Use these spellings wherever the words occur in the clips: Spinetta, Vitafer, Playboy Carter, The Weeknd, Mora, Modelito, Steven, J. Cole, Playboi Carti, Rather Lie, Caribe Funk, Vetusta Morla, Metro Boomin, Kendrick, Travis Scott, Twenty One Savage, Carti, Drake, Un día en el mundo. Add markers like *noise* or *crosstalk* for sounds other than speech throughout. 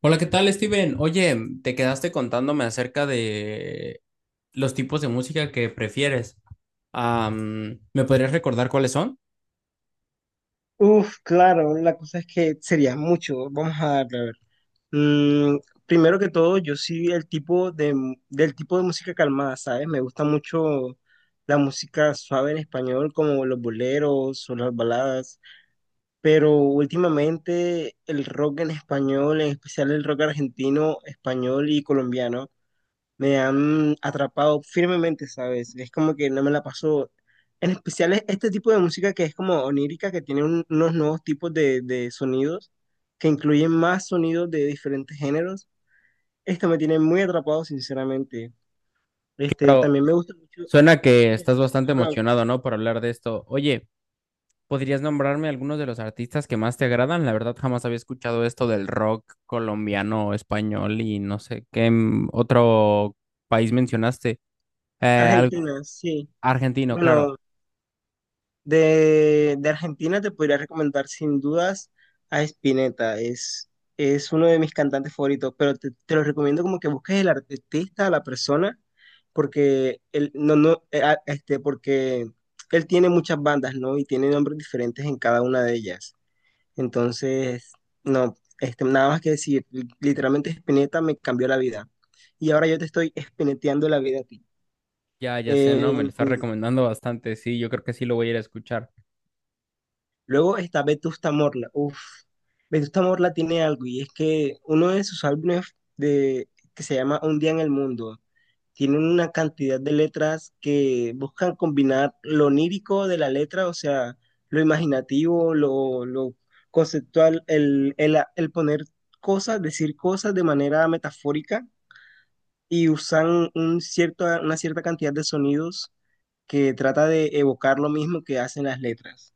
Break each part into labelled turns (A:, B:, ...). A: Hola, ¿qué tal, Steven? Oye, te quedaste contándome acerca de los tipos de música que prefieres. ¿Me podrías recordar cuáles son?
B: Uf, claro, la cosa es que sería mucho. Vamos a darle, a ver. Mm, Primero que todo, yo sí del tipo de música calmada, ¿sabes? Me gusta mucho la música suave en español, como los boleros o las baladas, pero últimamente el rock en español, en especial el rock argentino, español y colombiano me han atrapado firmemente, ¿sabes? Es como que no me la paso. En especial es este tipo de música que es como onírica, que tiene unos nuevos tipos de sonidos, que incluyen más sonidos de diferentes géneros. Esto me tiene muy atrapado, sinceramente. Este,
A: Claro,
B: también me gusta mucho
A: suena que
B: el
A: estás bastante
B: rock
A: emocionado, ¿no? Por hablar de esto. Oye, ¿podrías nombrarme algunos de los artistas que más te agradan? La verdad, jamás había escuchado esto del rock colombiano, español y no sé qué otro país mencionaste. Eh, al-
B: argentino, sí.
A: argentino, claro.
B: Bueno, de, de Argentina te podría recomendar sin dudas a Spinetta, es uno de mis cantantes favoritos, pero te lo recomiendo como que busques el artista, la persona, porque él tiene muchas bandas, ¿no? Y tiene nombres diferentes en cada una de ellas. Entonces, no, nada más que decir, literalmente Spinetta me cambió la vida. Y ahora yo te estoy espineteando la vida a ti.
A: Ya, ya sé, ¿no? Me lo
B: Eh,
A: estás recomendando bastante. Sí, yo creo que sí lo voy a ir a escuchar.
B: Luego está Vetusta Morla. Uf, Vetusta Morla tiene algo y es que uno de sus álbumes que se llama Un día en el mundo tiene una cantidad de letras que buscan combinar lo onírico de la letra, o sea, lo imaginativo, lo conceptual, el poner cosas, decir cosas de manera metafórica y usan un cierto, una cierta cantidad de sonidos que trata de evocar lo mismo que hacen las letras.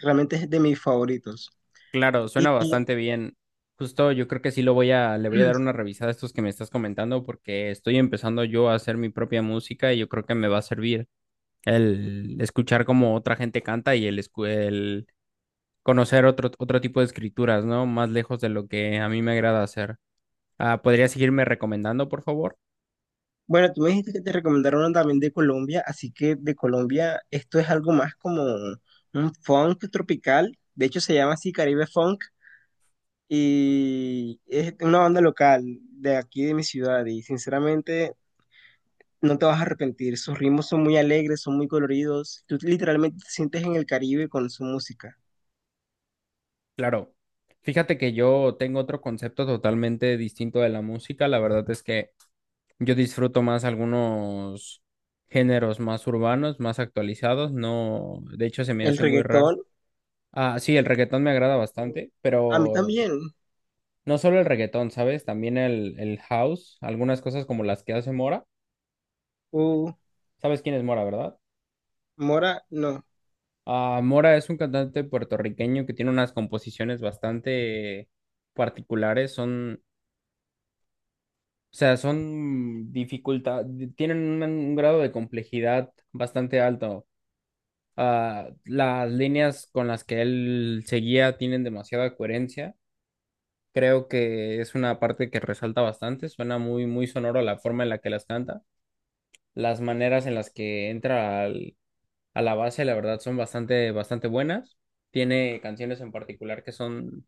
B: Realmente es de mis favoritos.
A: Claro, suena bastante bien. Justo yo creo que sí lo voy a, le voy a dar una revisada a estos que me estás comentando porque estoy empezando yo a hacer mi propia música y yo creo que me va a servir el escuchar cómo otra gente canta y el conocer otro tipo de escrituras, ¿no? Más lejos de lo que a mí me agrada hacer. ¿Podría seguirme recomendando, por favor?
B: Bueno, tú me dijiste que te recomendaron una también de Colombia, así que de Colombia esto es algo más como un funk tropical, de hecho se llama así Caribe Funk y es una banda local de aquí de mi ciudad y sinceramente no te vas a arrepentir, sus ritmos son muy alegres, son muy coloridos, tú literalmente te sientes en el Caribe con su música.
A: Claro. Fíjate que yo tengo otro concepto totalmente distinto de la música. La verdad es que yo disfruto más algunos géneros más urbanos, más actualizados. No, de hecho se me
B: El
A: hace muy raro.
B: reggaetón,
A: Ah, sí, el reggaetón me agrada bastante,
B: a mí
A: pero
B: también,
A: no solo el reggaetón, ¿sabes? También el house, algunas cosas como las que hace Mora.
B: uh,
A: ¿Sabes quién es Mora, verdad?
B: Mora, no,
A: Ah, Mora es un cantante puertorriqueño que tiene unas composiciones bastante particulares. Son, o sea, son dificultad, tienen un grado de complejidad bastante alto. Las líneas con las que él seguía tienen demasiada coherencia. Creo que es una parte que resalta bastante. Suena muy, muy sonoro la forma en la que las canta. Las maneras en las que a la base, la verdad, son bastante, bastante buenas. Tiene canciones en particular que son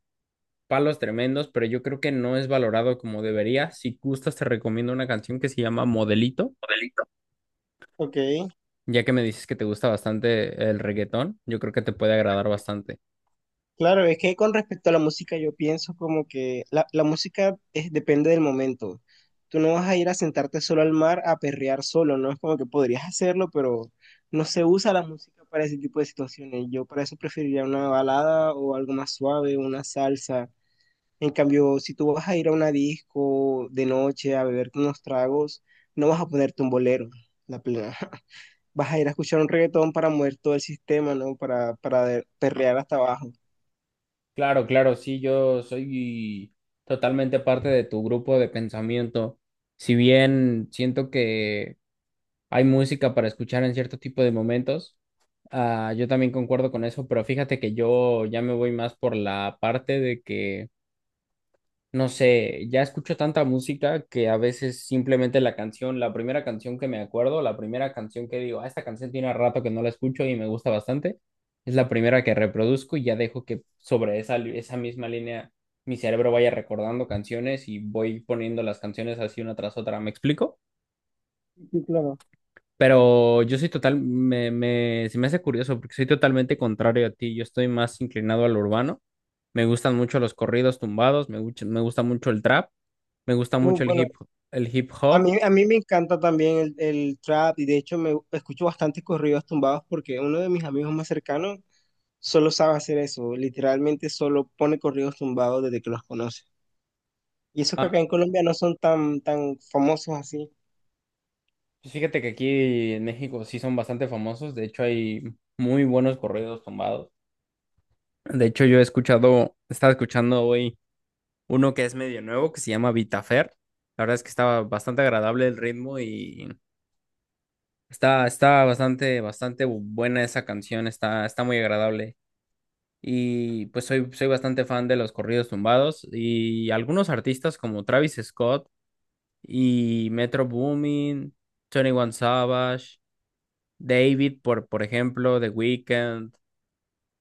A: palos tremendos, pero yo creo que no es valorado como debería. Si gustas, te recomiendo una canción que se llama Modelito,
B: ok.
A: ya que me dices que te gusta bastante el reggaetón. Yo creo que te puede agradar bastante.
B: Claro, es que con respecto a la música, yo pienso como que la música es- depende del momento. Tú no vas a ir a sentarte solo al mar a perrear solo, no es como que podrías hacerlo, pero no se usa la música para ese tipo de situaciones. Yo para eso preferiría una balada o algo más suave, una salsa. En cambio, si tú vas a ir a una disco de noche a beberte unos tragos, no vas a ponerte un bolero, la plena. *laughs* Vas a ir a escuchar un reggaetón para mover todo el sistema, ¿no? Para perrear hasta abajo.
A: Claro, claro, sí, yo soy totalmente parte de tu grupo de pensamiento. Si bien siento que hay música para escuchar en cierto tipo de momentos, yo también concuerdo con eso, pero fíjate que yo ya me voy más por la parte de que no sé, ya escucho tanta música que a veces simplemente la canción, la primera canción que me acuerdo, la primera canción que digo, ah, esta canción tiene rato que no la escucho y me gusta bastante, es la primera que reproduzco y ya dejo que sobre esa misma línea mi cerebro vaya recordando canciones y voy poniendo las canciones así una tras otra, ¿me explico?
B: Sí, claro.
A: Pero yo soy total, se me hace curioso porque soy totalmente contrario a ti, yo estoy más inclinado al urbano, me gustan mucho los corridos tumbados, me gusta mucho el trap. Me gusta
B: Uh,
A: mucho
B: bueno,
A: el hip
B: a
A: hop.
B: mí, a mí me encanta también el trap y de hecho me escucho bastante corridos tumbados porque uno de mis amigos más cercanos solo sabe hacer eso, literalmente solo pone corridos tumbados desde que los conoce. Y eso que
A: Ah,
B: acá en Colombia no son tan, tan famosos así.
A: pues fíjate que aquí en México sí son bastante famosos. De hecho, hay muy buenos corridos tumbados. De hecho, yo he escuchado, estaba escuchando hoy uno que es medio nuevo, que se llama Vitafer. La verdad es que estaba bastante agradable el ritmo y está, está bastante, bastante buena esa canción. Está, está muy agradable. Y pues soy, soy bastante fan de los corridos tumbados y algunos artistas como Travis Scott y Metro Boomin, Twenty One Savage, por ejemplo, The Weeknd,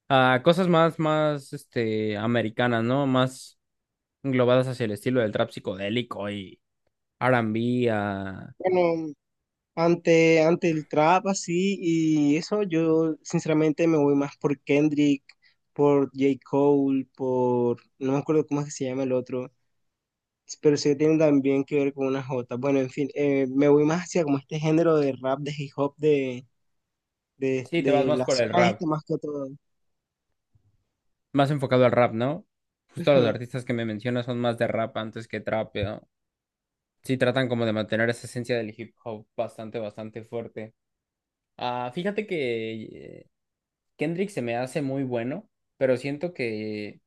A: ah, cosas más, más, este, americanas, ¿no? Más englobadas hacia el estilo del trap psicodélico y R&B, ah,
B: Bueno, ante el trap así y eso yo sinceramente me voy más por Kendrick, por J. Cole, por, no me acuerdo cómo es que se llama el otro, pero sí que tienen también que ver con una jota. Bueno, en fin, me voy más hacia como este género de rap, de hip hop, de, de,
A: sí, te vas
B: de
A: más
B: la
A: por el
B: zona
A: rap,
B: este más que todo.
A: más enfocado al rap, ¿no? Justo los
B: Ujú.
A: artistas que me mencionas son más de rap antes que trap, ¿no? Sí, tratan como de mantener esa esencia del hip hop bastante, bastante fuerte. Ah, fíjate que Kendrick se me hace muy bueno, pero siento que,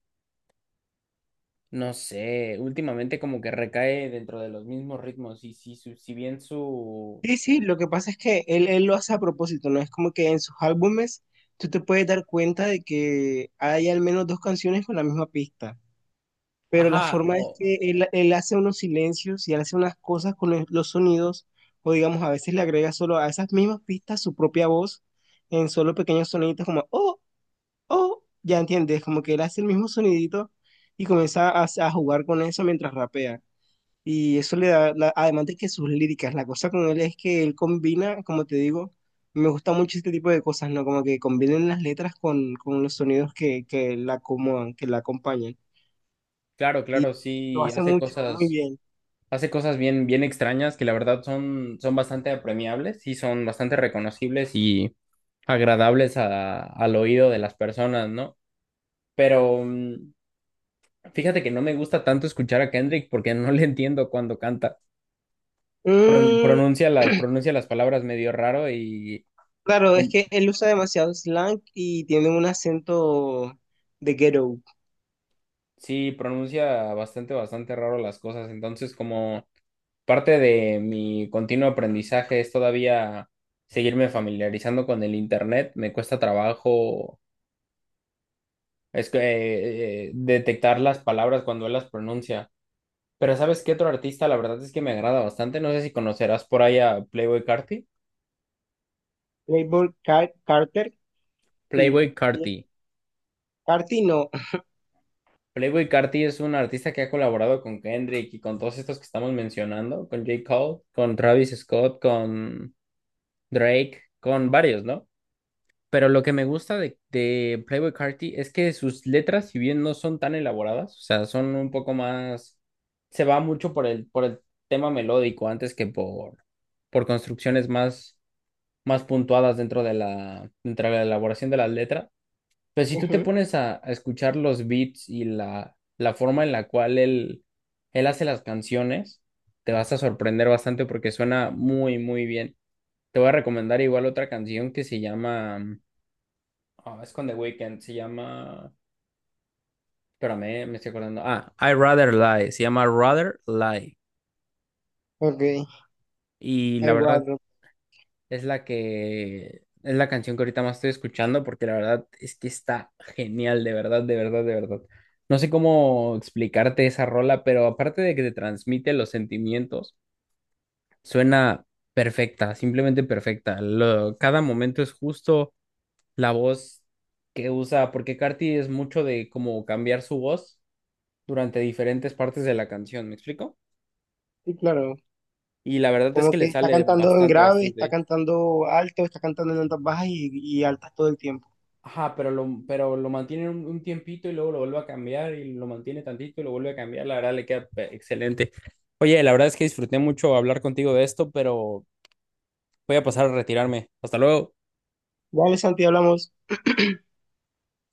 A: no sé, últimamente como que recae dentro de los mismos ritmos si bien su...
B: Sí, sí, lo que pasa es que él lo hace a propósito, ¿no? Es como que en sus álbumes tú te puedes dar cuenta de que hay al menos dos canciones con la misma pista, pero la
A: Ajá,
B: forma es
A: o
B: que él hace unos silencios y él hace unas cosas con los sonidos, o digamos, a veces le agrega solo a esas mismas pistas su propia voz en solo pequeños soniditos como, oh, O, ya entiendes, como que él hace el mismo sonidito y comienza a jugar con eso mientras rapea. Y eso le da, la- además de que sus líricas, la cosa con él es que él combina, como te digo, me gusta mucho este tipo de cosas, ¿no? Como que combinen las letras con los sonidos que la acomodan, que la acompañan.
A: claro, claro,
B: Lo
A: sí,
B: hace mucho, muy bien.
A: hace cosas bien, bien extrañas que la verdad son, son bastante apremiables y son bastante reconocibles y agradables al oído de las personas, ¿no? Pero fíjate que no me gusta tanto escuchar a Kendrick porque no le entiendo cuando canta.
B: Mm,
A: Pronuncia
B: *clears throat*
A: pronuncia las palabras medio raro y
B: claro, es
A: com-
B: que él usa demasiado slang y tiene un acento de ghetto.
A: sí, pronuncia bastante, bastante raro las cosas. Entonces, como parte de mi continuo aprendizaje es todavía seguirme familiarizando con el internet. Me cuesta trabajo es que, detectar las palabras cuando él las pronuncia. Pero ¿sabes qué otro artista? La verdad es que me agrada bastante. No sé si conocerás por ahí a Playboy Carti.
B: Playboy Car- Carter, sí,
A: Playboy
B: sí.
A: Carti.
B: Carti no.
A: Playboi Carti es un artista que ha colaborado con Kendrick y con todos estos que estamos mencionando, con J. Cole, con Travis Scott, con Drake, con varios, ¿no? Pero lo que me gusta de Playboi Carti es que sus letras, si bien no son tan elaboradas, o sea, son un poco más, se va mucho por el tema melódico antes que por construcciones más, más puntuadas dentro de dentro de la elaboración de las letras. Pero si tú te
B: *laughs*
A: pones a escuchar los beats y la forma en la cual él hace las canciones, te vas a sorprender bastante porque suena muy, muy bien. Te voy a recomendar igual otra canción que se llama, ah, es con The Weeknd, se llama, espérame, me estoy acordando. Ah, I Rather Lie, se llama Rather Lie.
B: Ok,
A: Y la
B: I
A: verdad
B: rather.
A: es la que es la canción que ahorita más estoy escuchando porque la verdad es que está genial, de verdad, de verdad, de verdad. No sé cómo explicarte esa rola, pero aparte de que te transmite los sentimientos, suena perfecta, simplemente perfecta. Cada momento es justo la voz que usa, porque Carti es mucho de como cambiar su voz durante diferentes partes de la canción, ¿me explico?
B: Sí, claro.
A: Y la verdad es
B: Como
A: que le
B: que está
A: sale
B: cantando en
A: bastante,
B: grave,
A: bastante
B: está
A: bien.
B: cantando alto, está cantando en notas bajas y altas todo el tiempo.
A: Ajá, pero pero lo mantiene un tiempito y luego lo vuelve a cambiar y lo mantiene tantito y lo vuelve a cambiar. La verdad le queda excelente. Oye, la verdad es que disfruté mucho hablar contigo de esto, pero voy a pasar a retirarme. Hasta luego.
B: Vale, Santi, hablamos.